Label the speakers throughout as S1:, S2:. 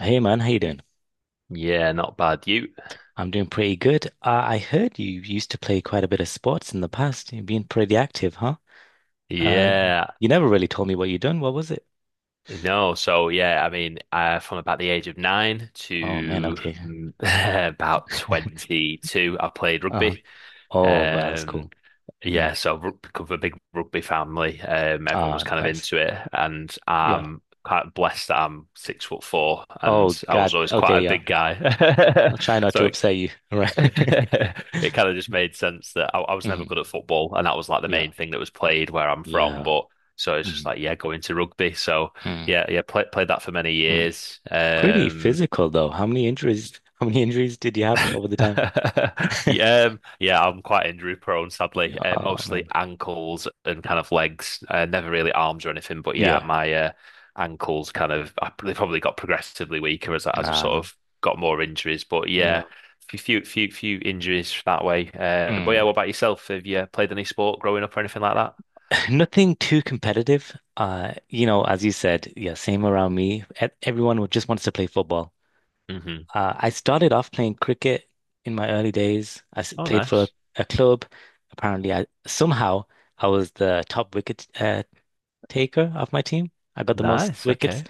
S1: Hey man, how you doing?
S2: Yeah, not bad. You,
S1: I'm doing pretty good. I heard you used to play quite a bit of sports in the past. You've been pretty active, huh? Uh,
S2: yeah,
S1: you never really told me what you done. What was it?
S2: no. So yeah, I mean, from about the age of nine
S1: Oh man,
S2: to
S1: okay.
S2: about 22, I played
S1: Uh-huh.
S2: rugby.
S1: Oh wow, that's cool.
S2: Um,
S1: Mm.
S2: yeah, so rugby, come from a big rugby family. Everyone was
S1: Ah,
S2: kind of
S1: nice.
S2: into it, and
S1: Yeah.
S2: I'm quite blessed that I'm 6'4",
S1: Oh
S2: and I
S1: God.
S2: was always quite
S1: Okay,
S2: a
S1: yeah.
S2: big guy.
S1: I'll try not
S2: So
S1: to
S2: it
S1: upset you. Right.
S2: It kind of just made sense that I was never good
S1: Hmm.
S2: at football, and that was like the
S1: Yeah.
S2: main thing that was played where I'm from.
S1: Yeah.
S2: But so it's just
S1: Hmm.
S2: like, yeah, going to rugby. So
S1: Mm.
S2: yeah, yeah, played that for many
S1: Mm.
S2: years.
S1: Pretty physical though. How many injuries? How many injuries did you have over the time?
S2: Yeah, yeah, I'm quite injury prone, sadly.
S1: Oh
S2: Mostly
S1: man.
S2: ankles and kind of legs. Never really arms or anything, but yeah,
S1: Yeah.
S2: my ankles kind of they probably got progressively weaker as I
S1: Ah,
S2: sort of got more injuries. But yeah,
S1: no.
S2: few injuries that way. But
S1: Mm.
S2: yeah, what about yourself? Have you played any sport growing up or anything like that?
S1: Nothing too competitive. As you said, yeah, same around me. Everyone just wants to play football.
S2: hmm
S1: I started off playing cricket in my early days. I
S2: Oh,
S1: played for a,
S2: nice,
S1: a club. Apparently, I somehow I was the top wicket taker of my team. I got the most
S2: nice.
S1: wickets.
S2: Okay.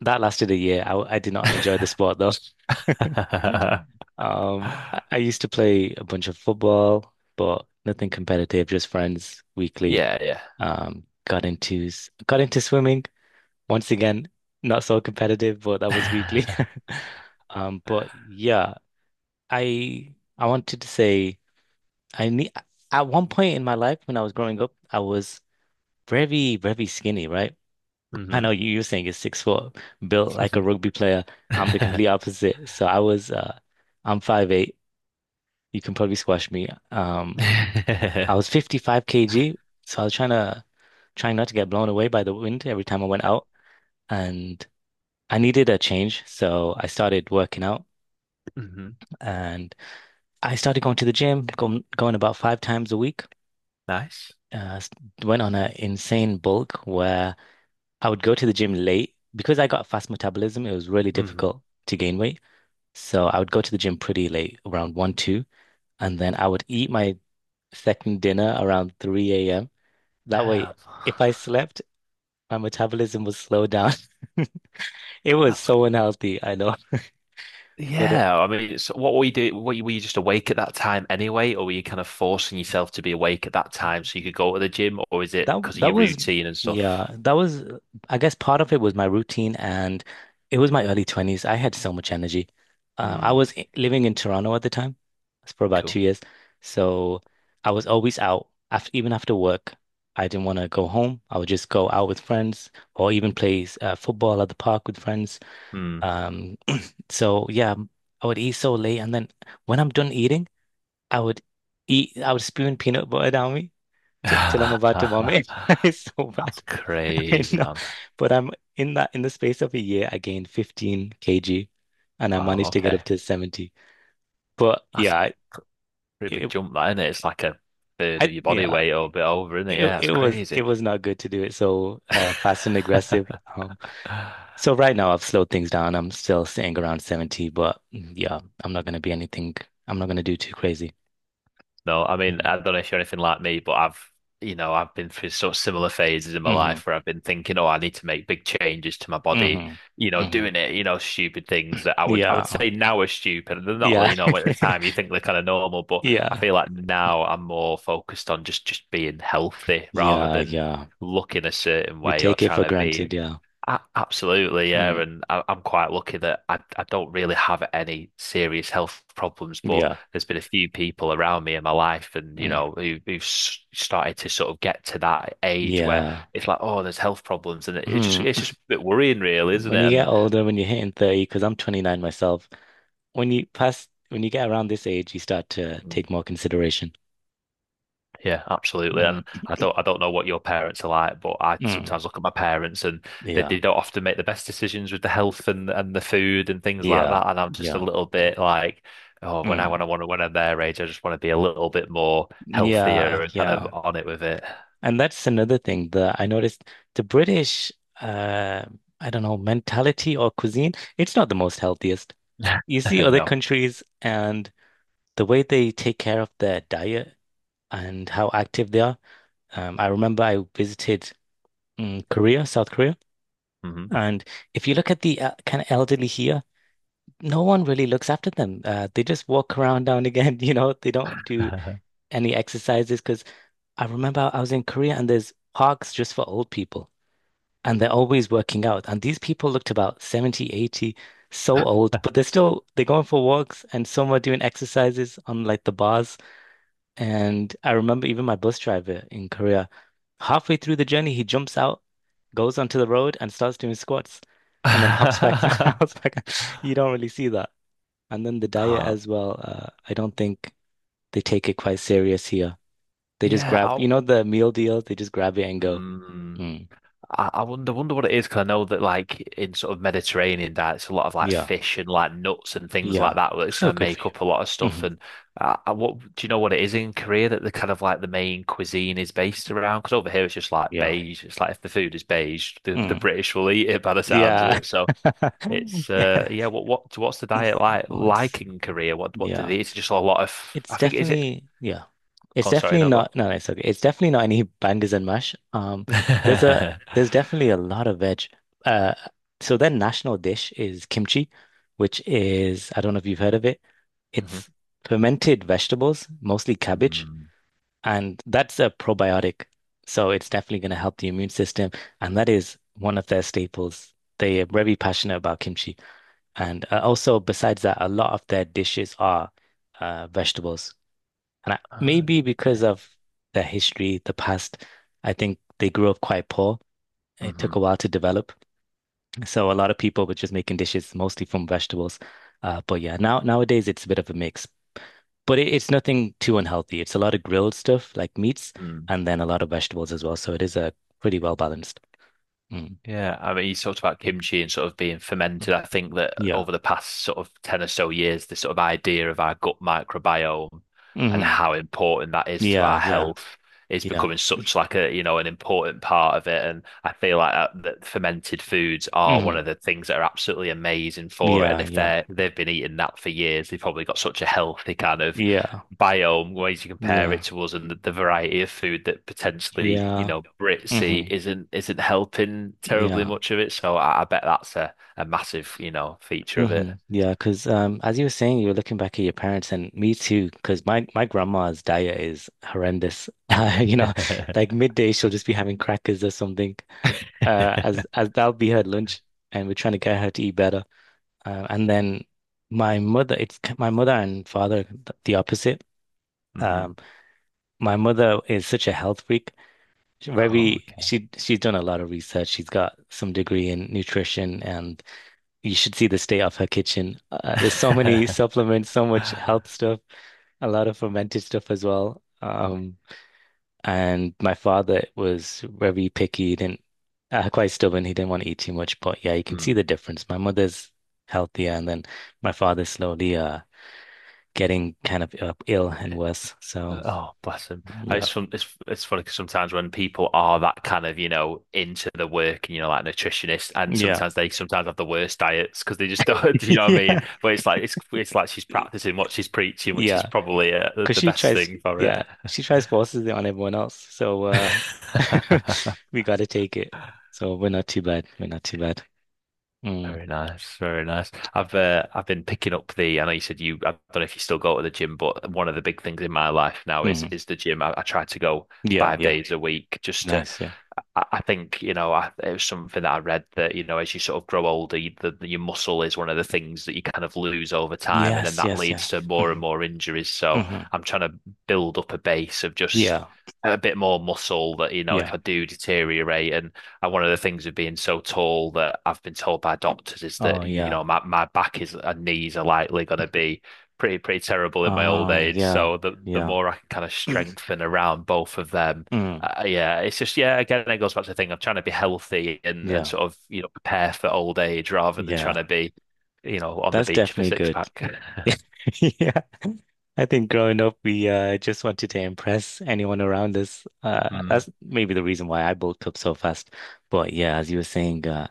S1: That lasted a year. I did not enjoy the sport though. I used to play a bunch of football, but nothing competitive, just friends weekly.
S2: Yeah,
S1: Got into swimming. Once again, not so competitive, but that was weekly.
S2: yeah.
S1: But yeah, I wanted to say I need at one point in my life when I was growing up, I was very, very skinny, right? I
S2: Hmm.
S1: know you're saying it's 6 foot, built like a rugby player. I'm the complete opposite. So I'm 5'8". You can probably squash me. I was 55 kg, so I was trying not to get blown away by the wind every time I went out, and I needed a change, so I started working out,
S2: Hmm.
S1: and I started going to the gym, going about 5 times a week.
S2: Nice.
S1: Uh, s- went on an insane bulk where I would go to the gym late because I got fast metabolism. It was really
S2: Hmm.
S1: difficult to gain weight, so I would go to the gym pretty late, around one, two, and then I would eat my second dinner around 3 a.m. That way,
S2: Damn.
S1: if I slept, my metabolism was slowed down. It was
S2: That's
S1: so unhealthy, I know. But
S2: Yeah. I mean, it's what were you do? Were you just awake at that time anyway, or were you kind of forcing yourself to be awake at that time so you could go to the gym, or is it
S1: that
S2: because of
S1: that
S2: your
S1: was
S2: routine and stuff?
S1: yeah, that was I guess part of it was my routine, and it was my early 20s. I had so much energy. I
S2: Hmm.
S1: was living in Toronto at the time for about two
S2: Cool.
S1: years. So I was always out, after even after work. I didn't want to go home. I would just go out with friends or even play football at the park with friends.
S2: Hmm.
S1: Um, So yeah, I would eat so late, and then when I'm done eating, I would eat. I would spoon peanut butter down me till I'm about to
S2: That's
S1: vomit. It's so bad. I mean,
S2: crazy,
S1: no,
S2: man.
S1: but I'm in that in the space of a year, I gained 15 kg, and I
S2: Wow.
S1: managed to get
S2: Okay.
S1: up to 70. But
S2: That's a
S1: yeah, it,
S2: pretty big
S1: it-
S2: jump, that, isn't it? It's like a third
S1: I
S2: of your body
S1: yeah,
S2: weight or a bit over, isn't it?
S1: it
S2: Yeah, it's
S1: it was
S2: crazy.
S1: it was not good to do it so fast and aggressive. Um, so right now I've slowed things down. I'm still sitting around 70, but yeah, I'm not gonna be anything. I'm not gonna do too crazy.
S2: No, I mean,
S1: Mm.
S2: I don't know if you're anything like me, but I've been through sort of similar phases in my
S1: Mhm.
S2: life where I've been thinking, oh, I need to make big changes to my body,
S1: Mhm. Mhm.
S2: doing it, stupid things that I would
S1: Yeah.
S2: say now are stupid. They're not,
S1: Yeah.
S2: at the time you think they're kind of normal, but I
S1: Yeah.
S2: feel like now I'm more focused on just being healthy rather
S1: Yeah.
S2: than
S1: Yeah.
S2: looking a certain
S1: We
S2: way or
S1: take it
S2: trying
S1: for
S2: to be.
S1: granted. Yeah.
S2: Absolutely, yeah,
S1: Mm.
S2: and I'm quite lucky that I don't really have any serious health problems, but
S1: Yeah.
S2: there's been a few people around me in my life, and
S1: Mm.
S2: who've started to sort of get to that age where
S1: Yeah.
S2: it's like, oh, there's health problems, and it just
S1: Mm.
S2: it's just a bit worrying, really, isn't
S1: When you get
S2: it?
S1: older, when you're hitting 30, because I'm 29 myself, when you pass, when you get around this age, you start to
S2: And
S1: take more consideration.
S2: yeah, absolutely. And
S1: Mm.
S2: I don't know what your parents are like, but I
S1: Mm.
S2: sometimes look at my parents and they,
S1: Yeah.
S2: they don't often make the best decisions with the health and the food and things like
S1: Yeah.
S2: that. And I'm just a
S1: Yeah.
S2: little bit like, oh, when I when I
S1: Mm.
S2: want to when I'm their age, I just want to be a little bit more healthier
S1: Yeah.
S2: and kind of
S1: Yeah.
S2: on it with it.
S1: And that's another thing that I noticed: the British, uh, I don't know, mentality or cuisine, it's not the most healthiest. You see other
S2: No.
S1: countries and the way they take care of their diet and how active they are. I remember I visited Korea, South Korea,
S2: Hmm.
S1: and if you look at the kind of elderly here, no one really looks after them. They just walk around down again, they don't do any exercises, because I remember I was in Korea and there's parks just for old people. And they're always working out. And these people looked about 70, 80, so old, but they're still they're going for walks, and some are doing exercises on like the bars. And I remember even my bus driver in Korea, halfway through the journey, he jumps out, goes onto the road and starts doing squats, and then hops back,
S2: Ah,
S1: hops back. You don't really see that. And then the diet as well, I don't think they take it quite serious here. They just
S2: yeah,
S1: grab,
S2: I'll,
S1: the meal deal, they just grab it and go.
S2: mm.
S1: Mm,
S2: I wonder what it is because I know that like in sort of Mediterranean diets, a lot of like
S1: yeah,
S2: fish and like nuts and things
S1: yeah.
S2: like that which kind
S1: So
S2: of
S1: good for
S2: make up a lot of
S1: you.
S2: stuff.
S1: Mhm.
S2: And what do you know what it is in Korea that the kind of like the main cuisine is based around? Because over here it's just like
S1: Yeah. Like,
S2: beige. It's like if the food is beige, the
S1: mm.
S2: British will eat it by the sounds of
S1: Yeah.
S2: it. So it's
S1: Yeah.
S2: yeah. What's the
S1: It's,
S2: diet like
S1: Well, it's
S2: like in Korea? What do
S1: yeah.
S2: they? Eat? It's just a lot of,
S1: It's
S2: I think, is it?
S1: definitely, yeah. It's
S2: Go on, sorry,
S1: definitely
S2: no, go on.
S1: not, no, no, it's okay. It's definitely not any bangers and mash. There's definitely a lot of veg. Uh so their national dish is kimchi, which is, I don't know if you've heard of it.
S2: Hmm.
S1: It's fermented vegetables, mostly cabbage.
S2: Mm-hmm.
S1: And that's a probiotic. So it's definitely going to help the immune system. And that is one of their staples. They are very passionate about kimchi. And also, besides that, a lot of their dishes are vegetables. And maybe because of their history, the past, I think they grew up quite poor. It took
S2: Mm-hmm.
S1: a while to develop. So a lot of people were just making dishes mostly from vegetables. But yeah, now nowadays it's a bit of a mix. But it's nothing too unhealthy. It's a lot of grilled stuff like meats, and then a lot of vegetables as well. So it is a pretty well balanced. Mm.
S2: Yeah, I mean, you talked about kimchi and sort of being fermented. I think that
S1: Yeah.
S2: over the past sort of 10 or so years, this sort of idea of our gut microbiome and
S1: Hmm.
S2: how important that is to
S1: Yeah.
S2: our
S1: Yeah.
S2: health is
S1: Yeah.
S2: becoming such like a, you know, an important part of it. And I feel like that fermented foods are one
S1: Hmm.
S2: of the things that are absolutely amazing for it. And
S1: Yeah.
S2: if
S1: Yeah.
S2: they've been eating that for years, they've probably got such a healthy kind of
S1: Yeah.
S2: biome, ways you compare it
S1: Yeah.
S2: to us, and the variety of food that potentially, you
S1: Yeah.
S2: know, Brits
S1: Hmm.
S2: eat isn't helping terribly
S1: Yeah.
S2: much of it. So I bet that's a massive, you know, feature of it.
S1: Hmm. Yeah. Because as you were saying, you were looking back at your parents, and me too, because my grandma's diet is horrendous. Like midday, she'll just be having crackers or something. As that'll be her lunch, and we're trying to get her to eat better. And then my mother, my mother and father, the opposite.
S2: Hmm.
S1: Um, my mother is such a health freak.
S2: Oh, okay.
S1: She's done a lot of research. She's got some degree in nutrition, and you should see the state of her kitchen. There's so many supplements, so much health stuff, a lot of fermented stuff as well. And my father was very picky. He didn't, quite stubborn. He didn't want to eat too much. But yeah, you can see
S2: Hmm.
S1: the difference. My mother's healthier, and then my father slowly, getting kind of ill and worse. So
S2: Oh, bless him. And It's
S1: yeah,
S2: fun, it's it's funny because sometimes when people are that kind of, you know, into the work and you know, like nutritionist, and
S1: yeah,
S2: sometimes they sometimes have the worst diets because they just don't, do you know what I
S1: yeah,
S2: mean? But it's like she's practicing what she's preaching, which is
S1: yeah.
S2: probably uh, the
S1: Because
S2: the best thing for it.
S1: yeah, she tries forces it on everyone else. So we got to take it. So we're not too bad. We're not too bad. Mm,
S2: Very nice, very nice. I've been picking up the. I know you said you. I don't know if you still go to the gym, but one of the big things in my life now is
S1: mhm.
S2: is the gym. I try to go
S1: Yeah,
S2: five
S1: yeah.
S2: days a week just to.
S1: Nice. Yeah.
S2: I think, it was something that I read that, you know, as you sort of grow older, you, the, your muscle is one of the things that you kind of lose over time, and then
S1: Yes.
S2: that
S1: Yes. Yeah.
S2: leads to more
S1: Hmm.
S2: and more injuries. So
S1: Hmm.
S2: I'm trying to build up a base of just
S1: Yeah.
S2: a bit more muscle that, you know, if
S1: Yeah.
S2: I do deteriorate, and one of the things of being so tall that I've been told by doctors is that,
S1: Oh,
S2: you
S1: yeah.
S2: know, my back is and knees are likely going to be pretty, pretty terrible in my old
S1: Oh,
S2: age.
S1: yeah.
S2: So the
S1: Yeah.
S2: more I can kind of strengthen around both of them
S1: Mm,
S2: yeah, it's just yeah. Again, it goes back to the thing. I'm trying to be healthy and
S1: yeah.
S2: sort of prepare for old age rather than trying
S1: Yeah.
S2: to be, on the
S1: That's
S2: beach for
S1: definitely
S2: six
S1: good.
S2: pack.
S1: Yeah. I think growing up, we just wanted to impress anyone around us. Uh,
S2: Mm,
S1: that's maybe the reason why I bulked up so fast. But yeah, as you were saying,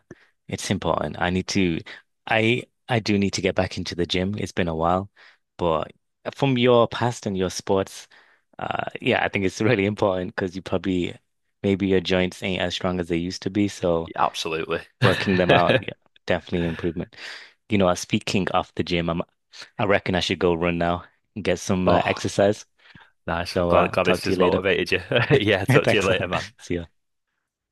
S1: it's important. I I do need to get back into the gym. It's been a while, but from your past and your sports, yeah, I think it's really important, because you probably, maybe your joints ain't as strong as they used to be. So
S2: yeah, absolutely.
S1: working them out, yeah, definitely improvement. You know, speaking of the gym, I reckon I should go run now and get some
S2: Oh,
S1: exercise.
S2: nice. I'm
S1: So
S2: glad glad
S1: talk
S2: this
S1: to you
S2: has
S1: later.
S2: motivated you. Yeah, talk to you
S1: Thanks a
S2: later,
S1: lot.
S2: man.
S1: See ya.